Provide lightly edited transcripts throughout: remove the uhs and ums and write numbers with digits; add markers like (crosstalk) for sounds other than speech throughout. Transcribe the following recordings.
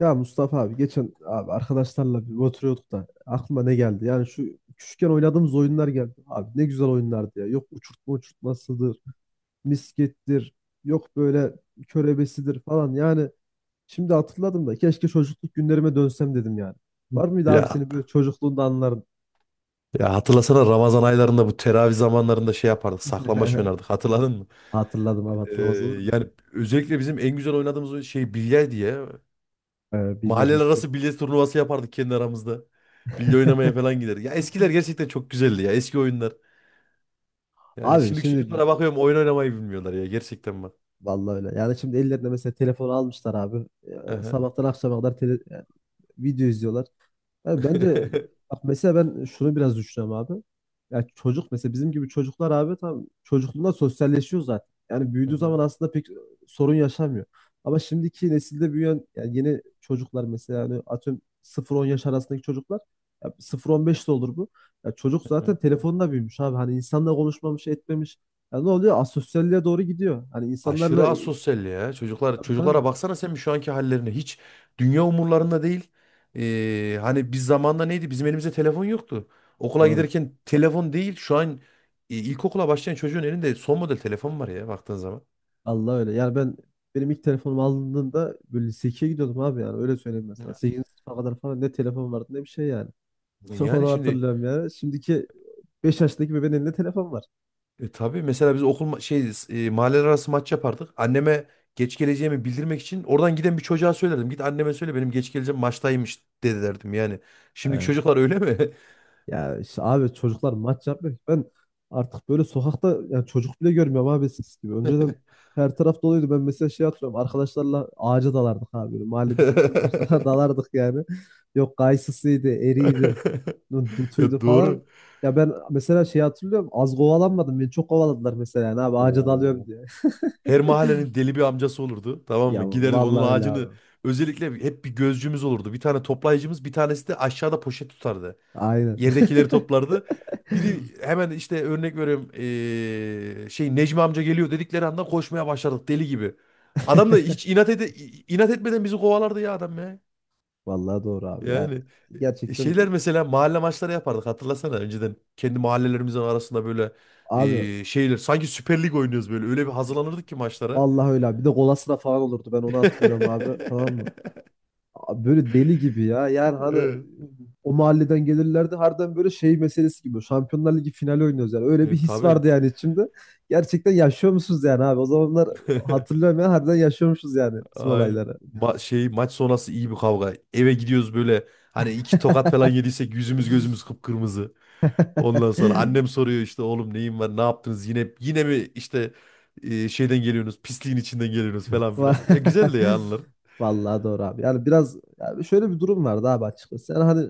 Ya Mustafa abi geçen abi arkadaşlarla bir oturuyorduk da aklıma ne geldi? Yani şu küçükken oynadığımız oyunlar geldi. Abi ne güzel oyunlardı ya. Yok uçurtmasıdır, miskettir, yok böyle körebesidir falan. Yani şimdi hatırladım da keşke çocukluk günlerime dönsem dedim yani. Var mıydı abi Ya senin böyle çocukluğunda anların? ya hatırlasana Ramazan aylarında bu teravih zamanlarında şey yapardık. Saklambaç (laughs) oynardık. Hatırladın mı? Hatırladım abi, Ee, hatırlamaz olur muyum? yani özellikle bizim en güzel oynadığımız oyun şey bilye diye. Biliyorum, Mahalleler misket. arası bilye turnuvası yapardık kendi aramızda. Bilye oynamaya (laughs) falan giderdik. Ya eskiler gerçekten çok güzeldi ya. Eski oyunlar. Yani Abi şimdiki şimdi çocuklara bakıyorum oyun oynamayı bilmiyorlar ya. Gerçekten bak. vallahi öyle. Yani şimdi ellerine mesela telefonu almışlar abi. Ya, Aha. sabahtan akşama kadar yani video izliyorlar. Ya bence (laughs) bak mesela ben şunu biraz düşünüyorum abi. Ya çocuk mesela bizim gibi çocuklar abi tam çocukluğunda sosyalleşiyor zaten. Yani Hı büyüdüğü zaman hı, aslında pek sorun yaşamıyor. Ama şimdiki nesilde büyüyen yani yeni çocuklar mesela yani atıyorum sıfır on yaş arasındaki çocuklar, ya sıfır on 15 de olur bu. Ya çocuk hı zaten hı. telefonla büyümüş abi. Hani insanla konuşmamış, etmemiş. Ya ne oluyor? Asosyalliğe doğru gidiyor. Hani Aşırı insanlarla. asosyal ya. Çocuklar Tabii, tabii. çocuklara baksana sen bir şu anki hallerine. Hiç dünya umurlarında değil. Hani biz zamanında neydi? Bizim elimizde telefon yoktu. Okula Doğru. giderken telefon değil. Şu an ilkokula başlayan çocuğun elinde son model telefon var ya baktığın zaman. Allah öyle. Yani benim ilk telefonumu aldığımda böyle lise 2'ye gidiyordum abi, yani öyle söyleyeyim mesela. Evet. 8. sınıfa kadar falan ne telefon vardı ne bir şey yani. (laughs) Yani Onu şimdi hatırlıyorum yani. Şimdiki 5 yaşındaki bebeğin elinde telefon var. Tabii mesela biz şey mahalleler arası maç yapardık. Anneme geç geleceğimi bildirmek için oradan giden bir çocuğa söylerdim. Git anneme söyle benim geç geleceğim maçtaymış dedi derdim yani. Şimdiki Ee, çocuklar öyle mi? Ya işte abi çocuklar maç yapmıyor ki. Ben artık böyle sokakta yani çocuk bile görmüyorum abi eskisi gibi. Önceden her taraf doluydu. Ben mesela şey hatırlıyorum. Arkadaşlarla ağaca dalardık abi. Böyle mahalledeki bütün ağaçlara (laughs) dalardık yani. Yok kayısısıydı, eriydi. (laughs) Ya Dutuydu falan. doğru. Ya ben mesela şey hatırlıyorum. Az kovalanmadım. Beni çok kovaladılar mesela. Yani abi ağaca dalıyorum Oo. diye. (laughs) Her mahallenin deli bir amcası olurdu. Tamam mı? Ya Giderdik onun vallahi öyle ağacını. abi. Özellikle hep bir gözcümüz olurdu. Bir tane toplayıcımız, bir tanesi de aşağıda poşet tutardı. Aynen. Yerdekileri toplardı. Biri hemen işte örnek veriyorum şey Necmi amca geliyor dedikleri anda koşmaya başladık deli gibi. Adam da hiç (laughs) inat etmeden bizi kovalardı ya adam ya. Vallahi doğru abi. Yani Yani gerçekten şeyler mesela mahalle maçları yapardık hatırlasana önceden kendi mahallelerimizin arasında böyle abi, şeyler sanki Süper Lig oynuyoruz böyle öyle bir hazırlanırdık ki maçlara. vallahi öyle abi. Bir de kolasına falan olurdu. Ben onu hatırlıyorum abi. Tamam (laughs) mı? Abi böyle deli gibi ya. Yani hani Evet. o mahalleden gelirlerdi. Harbiden böyle şey meselesi gibi. Şampiyonlar Ligi finali oynuyoruz yani. Öyle bir E, his tabii. vardı yani içimde. Gerçekten yaşıyor musunuz yani abi? O zamanlar (laughs) hatırlıyorum ya. Harbiden yaşıyormuşuz yani bütün Aynen. olayları. Şey maç sonrası iyi bir kavga. Eve gidiyoruz böyle hani iki tokat falan yediysek yüzümüz gözümüz kıpkırmızı. Ondan sonra annem (laughs) soruyor işte oğlum neyin var ne yaptınız yine yine mi işte şeyden geliyorsunuz pisliğin içinden geliyorsunuz falan Va- filan. Ya (laughs) güzeldi ya anılar. Vallahi doğru abi. Yani biraz yani şöyle bir durum vardı abi açıkçası. Yani hani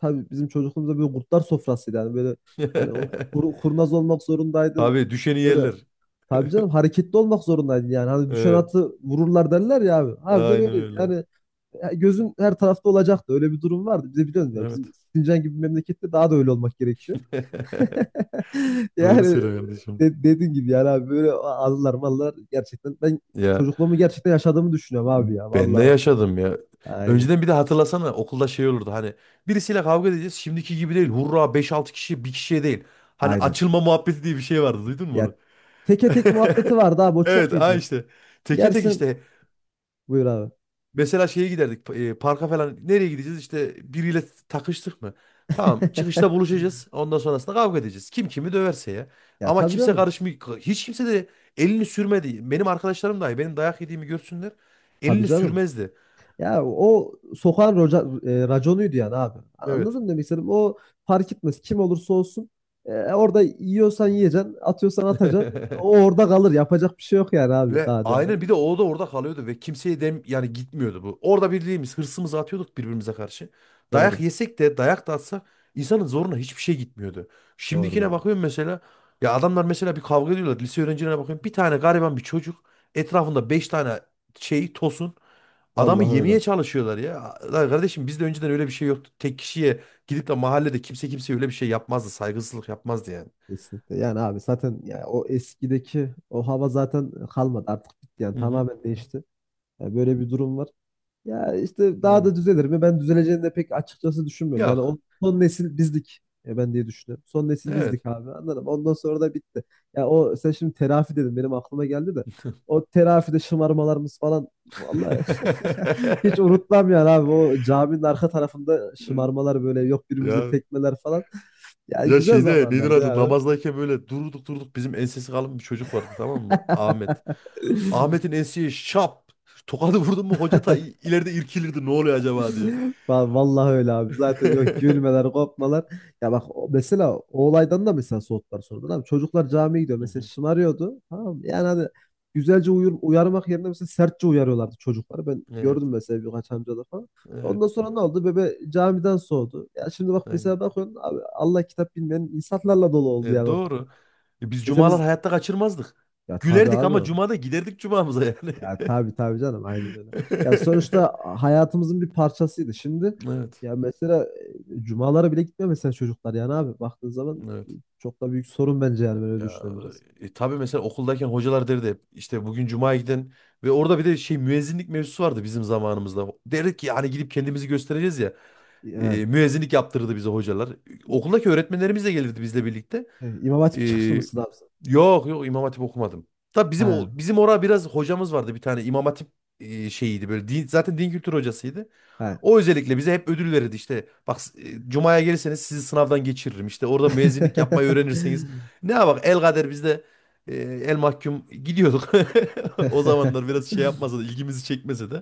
tabii bizim çocukluğumuzda böyle kurtlar sofrasıydı. Yani böyle hani o (laughs) kurnaz olmak zorundaydın. Tabii düşeni Böyle yerler. tabii canım hareketli olmak zorundaydın yani. Hani düşen Evet. atı vururlar derler ya abi. Harbiden Aynen öyleydi. öyle. Yani ya gözün her tarafta olacaktı. Öyle bir durum vardı. Bize biliyorsun ya, bizim Evet. Sincan gibi memlekette daha da öyle olmak gerekiyor. (laughs) (laughs) Doğru Yani söylüyor kardeşim. Dediğin gibi yani abi böyle anılar mallar, gerçekten ben Ya çocukluğumu gerçekten yaşadığımı düşünüyorum abi ya. ben de Vallahi bak yani. yaşadım ya. Aynen. Önceden bir de hatırlasana okulda şey olurdu hani birisiyle kavga edeceğiz şimdiki gibi değil. Hurra beş altı kişi bir kişiye değil. Hani Aynen. açılma muhabbeti diye bir şey vardı duydun mu Ya onu? teke (laughs) tek muhabbeti vardı abi, o çok Evet ha iyiydi. işte. Teke tek Yersin, işte buyur abi. mesela şeye giderdik parka falan. Nereye gideceğiz? İşte biriyle takıştık mı? Tamam çıkışta (laughs) buluşacağız. Ondan sonrasında kavga edeceğiz. Kim kimi döverse ya. Ya Ama tabii kimse canım. karışmıyor. Hiç kimse de elini sürmedi. Benim arkadaşlarım dahi benim dayak yediğimi görsünler. Tabii Elini canım. sürmezdi. Ya o sokağın raconuydu yani abi. Evet. Anladın mı demek istediğim? O fark etmez. Kim olursa olsun. Orada yiyorsan yiyeceksin. Atıyorsan atacaksın. O (laughs) orada kalır. Yapacak bir şey yok yani abi. Ve Daha değerli. aynen bir de o da orada kalıyordu ve kimseye yani gitmiyordu bu. Orada birliğimiz hırsımızı atıyorduk birbirimize karşı. Dayak Doğru. yesek de dayak da atsak insanın zoruna hiçbir şey gitmiyordu. Doğru, Şimdikine doğru. bakıyorum mesela ya adamlar mesela bir kavga ediyorlar. Lise öğrencilerine bakıyorum bir tane gariban bir çocuk etrafında beş tane şey tosun adamı Vallahi öyle. yemeye çalışıyorlar ya. Lan kardeşim bizde önceden öyle bir şey yoktu. Tek kişiye gidip de mahallede kimse kimseye öyle bir şey yapmazdı. Saygısızlık yapmazdı yani. Kesinlikle. Yani abi zaten ya o eskideki o hava zaten kalmadı. Artık bitti, yani Hı hı. tamamen değişti. Ya böyle bir durum var. Ya işte daha Aynen. da düzelir mi? Ben düzeleceğini de pek açıkçası düşünmüyorum. Yani o Yok. son nesil bizdik. Ya ben diye düşünüyorum. Son nesil Evet. bizdik abi. Anladım. Ondan sonra da bitti. Ya o sen şimdi terafi dedin. Benim aklıma geldi de. O terafide şımarmalarımız falan, vallahi (laughs) hiç (laughs) unutmam yani abi. O caminin arka tarafında şımarmalar, böyle yok birbirimize Ya tekmeler falan. (laughs) Ya ya güzel şeyde nedir zamanlardı adı ya namazdayken böyle durduk durduk bizim ensesi kalın bir çocuk vardı tamam mı? Ahmet. abi. Ahmet'in enseye şap tokadı vurdun mu hoca ta (laughs) ileride irkilirdi ne oluyor acaba diye. (laughs) Vallahi öyle abi. Zaten yok (laughs) gülmeler, kopmalar. Ya bak mesela o olaydan da mesela soğuttular sonra. Tamam, çocuklar camiye gidiyor. Hı Mesela hı. şımarıyordu. Tamam mı? Yani hani güzelce uyarmak yerine mesela sertçe uyarıyorlardı çocukları. Ben Evet. gördüm mesela birkaç amcada falan. Evet. Ondan sonra ne oldu? Bebe camiden soğudu. Ya şimdi bak Aynen. mesela, bakıyorsun abi Allah kitap bilmeyen insanlarla dolu oldu yani Evet, ortam. doğru. Biz Mesela cumalar biz, hayatta kaçırmazdık. ya tabii Gülerdik ama abi. cumada giderdik cumamıza yani. Ya tabii, tabii canım, aynen öyle. Ya sonuçta hayatımızın bir parçasıydı. Şimdi (laughs) Evet. ya mesela cumalara bile gitmiyor mesela çocuklar yani abi baktığın zaman, Evet. çok da büyük sorun bence yani, böyle Ya düşünüyorum biraz. Tabii mesela okuldayken hocalar derdi hep işte bugün cumaya gidin ve orada bir de şey müezzinlik mevzusu vardı bizim zamanımızda. Derdik ki hani gidip kendimizi göstereceğiz ya. E, Ya, müezzinlik yaptırırdı bize hocalar. Okuldaki öğretmenlerimiz de gelirdi bizle birlikte. İmam E, Hatip çıkışlı mısın abi sen? Yok, yok, İmam Hatip okumadım. Tabii He, bizim bizim orada biraz hocamız vardı bir tane İmam Hatip şeyiydi böyle din, zaten din kültürü hocasıydı. he. O özellikle bize hep ödül verirdi işte. Bak Cuma'ya gelirseniz sizi sınavdan geçiririm. İşte orada müezzinlik yapmayı öğrenirseniz. Ne bak el kader biz de el mahkum gidiyorduk. (laughs) O zamanlar (laughs) biraz şey yapmasa da ilgimizi çekmese de.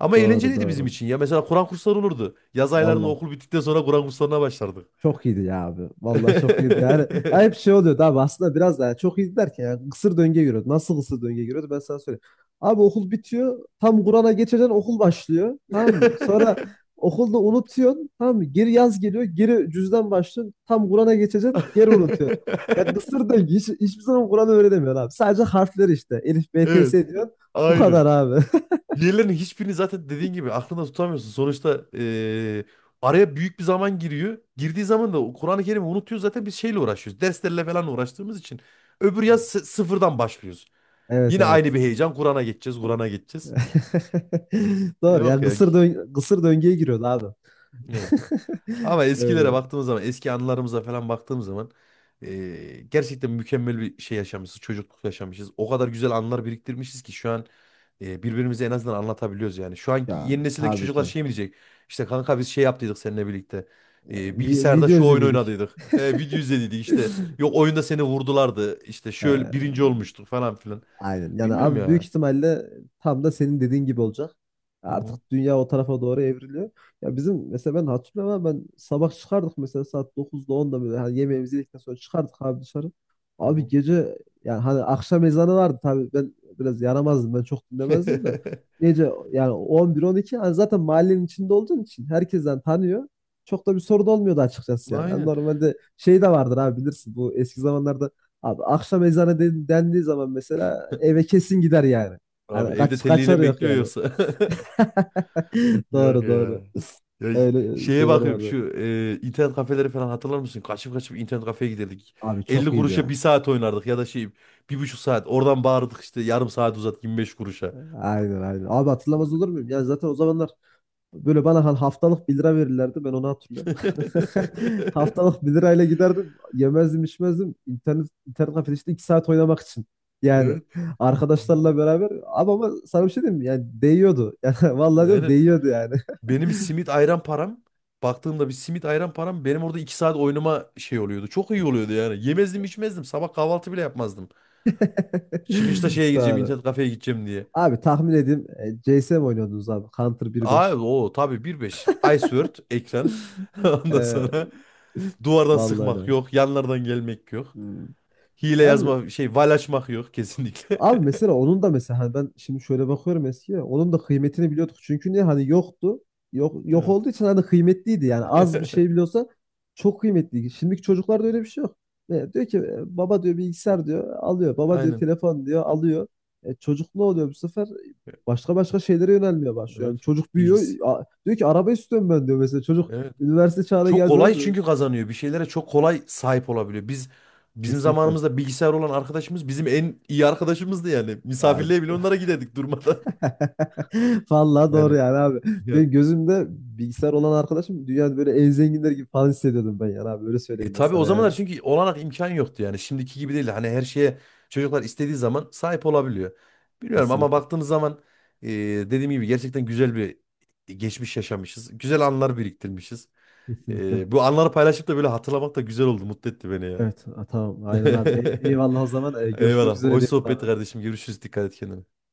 Ama Doğru, eğlenceliydi bizim doğru. için ya. Mesela Kur'an kursları olurdu. Yaz aylarında Vallahi. okul bittikten sonra Kur'an kurslarına başlardık. Çok iyiydi ya abi. Vallahi çok iyiydi yani. Ya hep şey (laughs) oluyordu abi, aslında biraz daha çok iyiydi derken yani kısır döngüye giriyordu. Nasıl kısır döngüye giriyordu ben sana söyleyeyim. Abi okul bitiyor. Tam Kur'an'a geçeceksin, okul başlıyor. Tamam mı? Sonra okulda unutuyorsun. Tamam mı? Geri yaz geliyor. Geri cüzden başlıyorsun. Tam Kur'an'a geçeceksin. Geri unutuyorsun. Ya kısır döngü. Hiçbir zaman Kur'an'ı öğrenemiyorsun abi. Sadece harfler işte. Elif, B, T, Evet. S diyorsun. Bu Aynı. kadar abi. (laughs) Diğerlerinin hiçbirini zaten dediğin gibi aklında tutamıyorsun. Sonuçta araya büyük bir zaman giriyor. Girdiği zaman da o Kur'an-ı Kerim'i unutuyor zaten biz şeyle uğraşıyoruz. Derslerle falan uğraştığımız için. Öbür yaz sıfırdan başlıyoruz. Evet, Yine aynı evet. bir heyecan. Kur'an'a geçeceğiz, Kur'an'a geçeceğiz. (laughs) Doğru ya, Yok ya. Kısır döngüye giriyordu abi. Evet. (laughs) Ama eskilere Öyle. baktığımız zaman, eski anılarımıza falan baktığım zaman gerçekten mükemmel bir şey yaşamışız, çocukluk yaşamışız. O kadar güzel anılar biriktirmişiz ki şu an birbirimize en azından anlatabiliyoruz yani. Şu anki Ya yeni nesildeki tabii çocuklar ki. şey mi diyecek? İşte kanka biz şey yaptıydık seninle birlikte. Ya, Eee, bilgisayarda video şu oyun izledik. oynadıydık. Video izlediydik işte. Yok oyunda seni vurdulardı. İşte şöyle Ee, birinci olmuştuk falan filan. Aynen. Yani Bilmem abi büyük ya. ihtimalle tam da senin dediğin gibi olacak. Hı hı, Artık dünya o tarafa doğru evriliyor. Ya bizim mesela ben hatırlıyorum ama, ben sabah çıkardık mesela saat 9'da 10'da, böyle hani yemeğimizi yedikten sonra çıkardık abi dışarı. hı Abi hı. gece yani, hani akşam ezanı vardı tabii, ben biraz yaramazdım, ben çok dinlemezdim de (laughs) gece yani 11-12, hani zaten mahallenin içinde olduğun için herkesten tanıyor. Çok da bir sorun olmuyordu açıkçası yani. Hani Aynen. normalde şey de vardır abi, bilirsin, bu eski zamanlarda abi akşam ezanı dendiği zaman mesela eve kesin gider yani. Abi Hani evde kaç telliğine kaçar mi yok bekliyor yani. yoksa? (laughs) (laughs) Yok Doğru, doğru. ya. Ya Öyle şeye şeyler bakıyorum vardı. şu internet kafeleri falan hatırlar mısın? Kaçıp kaçıp internet kafeye giderdik. Abi 50 çok kuruşa iyiydi. bir saat oynardık ya da şey 1,5 saat. Oradan bağırdık işte yarım saat uzat 25 kuruşa. Aynen, aynen. Abi hatırlamaz olur muyum? Yani zaten o zamanlar böyle bana haftalık bir lira verirlerdi. Ben onu hatırlıyorum. (laughs) (laughs) Haftalık bir lirayla giderdim. Yemezdim içmezdim. İnternet kafede işte 2 saat oynamak için. Yani Evet. arkadaşlarla beraber. Abi ama sana bir şey diyeyim mi? Yani değiyordu. (laughs) Yani vallahi diyorum, Aynen. değiyordu yani. Benim bir simit ayran param. Baktığımda bir simit ayran param benim orada 2 saat oynama şey oluyordu. Çok iyi oluyordu yani. Yemezdim içmezdim. Sabah kahvaltı bile yapmazdım. Çıkışta (laughs) şeye gideceğim Doğru. internet kafeye gideceğim. Abi tahmin edeyim, CS'm oynuyordunuz abi. Counter Aa, 1.5. o tabii bir beş Ice Word ekran. (laughs) Ondan Ee, sonra (laughs) duvardan vallahi sıkmak öyle. yok. Yanlardan gelmek yok. Hmm. Hile Yani yazma şey val açmak yok kesinlikle. abi (laughs) mesela onun da mesela hani ben şimdi şöyle bakıyorum eskiye, onun da kıymetini biliyorduk. Çünkü niye, hani yoktu. Yok, yok Evet. olduğu için hani kıymetliydi yani, az bir şey (laughs) biliyorsa çok kıymetliydi. Şimdiki çocuklarda öyle bir şey yok. Diyor ki baba diyor, bilgisayar diyor, alıyor. Baba diyor, Aynen. telefon diyor, alıyor. Çocuk ne oluyor bu sefer? Başka başka şeylere yönelmeye başlıyor. Yani Evet. çocuk büyüyor. Bilgisi. Diyor ki araba istiyorum ben, diyor mesela. Çocuk Evet. üniversite çağına Çok geldiği kolay zaman çünkü kazanıyor. Bir şeylere çok kolay sahip olabiliyor. Bizim kesinlikle. zamanımızda bilgisayar olan arkadaşımız bizim en iyi arkadaşımızdı yani. Ya Misafirliğe bile onlara giderdik durmadan. (laughs) (laughs) vallahi doğru Yani. yani abi. Benim gözümde bilgisayar olan arkadaşım dünyada böyle en zenginler gibi falan hissediyordum ben yani abi. Öyle söyleyeyim E ben tabii o sana yani. zamanlar çünkü olanak imkan yoktu yani. Şimdiki gibi değil. Hani her şeye çocuklar istediği zaman sahip olabiliyor. Bilmiyorum ama Kesinlikle. baktığımız zaman dediğim gibi gerçekten güzel bir geçmiş yaşamışız. Güzel anılar biriktirmişiz. Kesinlikle. Bu anları paylaşıp da böyle hatırlamak da güzel oldu. Mutlu etti beni yani. Evet, ha, tamam. Aynen abi. (laughs) Eyvallah o zaman. Görüşmek Eyvallah. üzere Hoş sohbetti diyelim. kardeşim. Görüşürüz. Dikkat et kendine.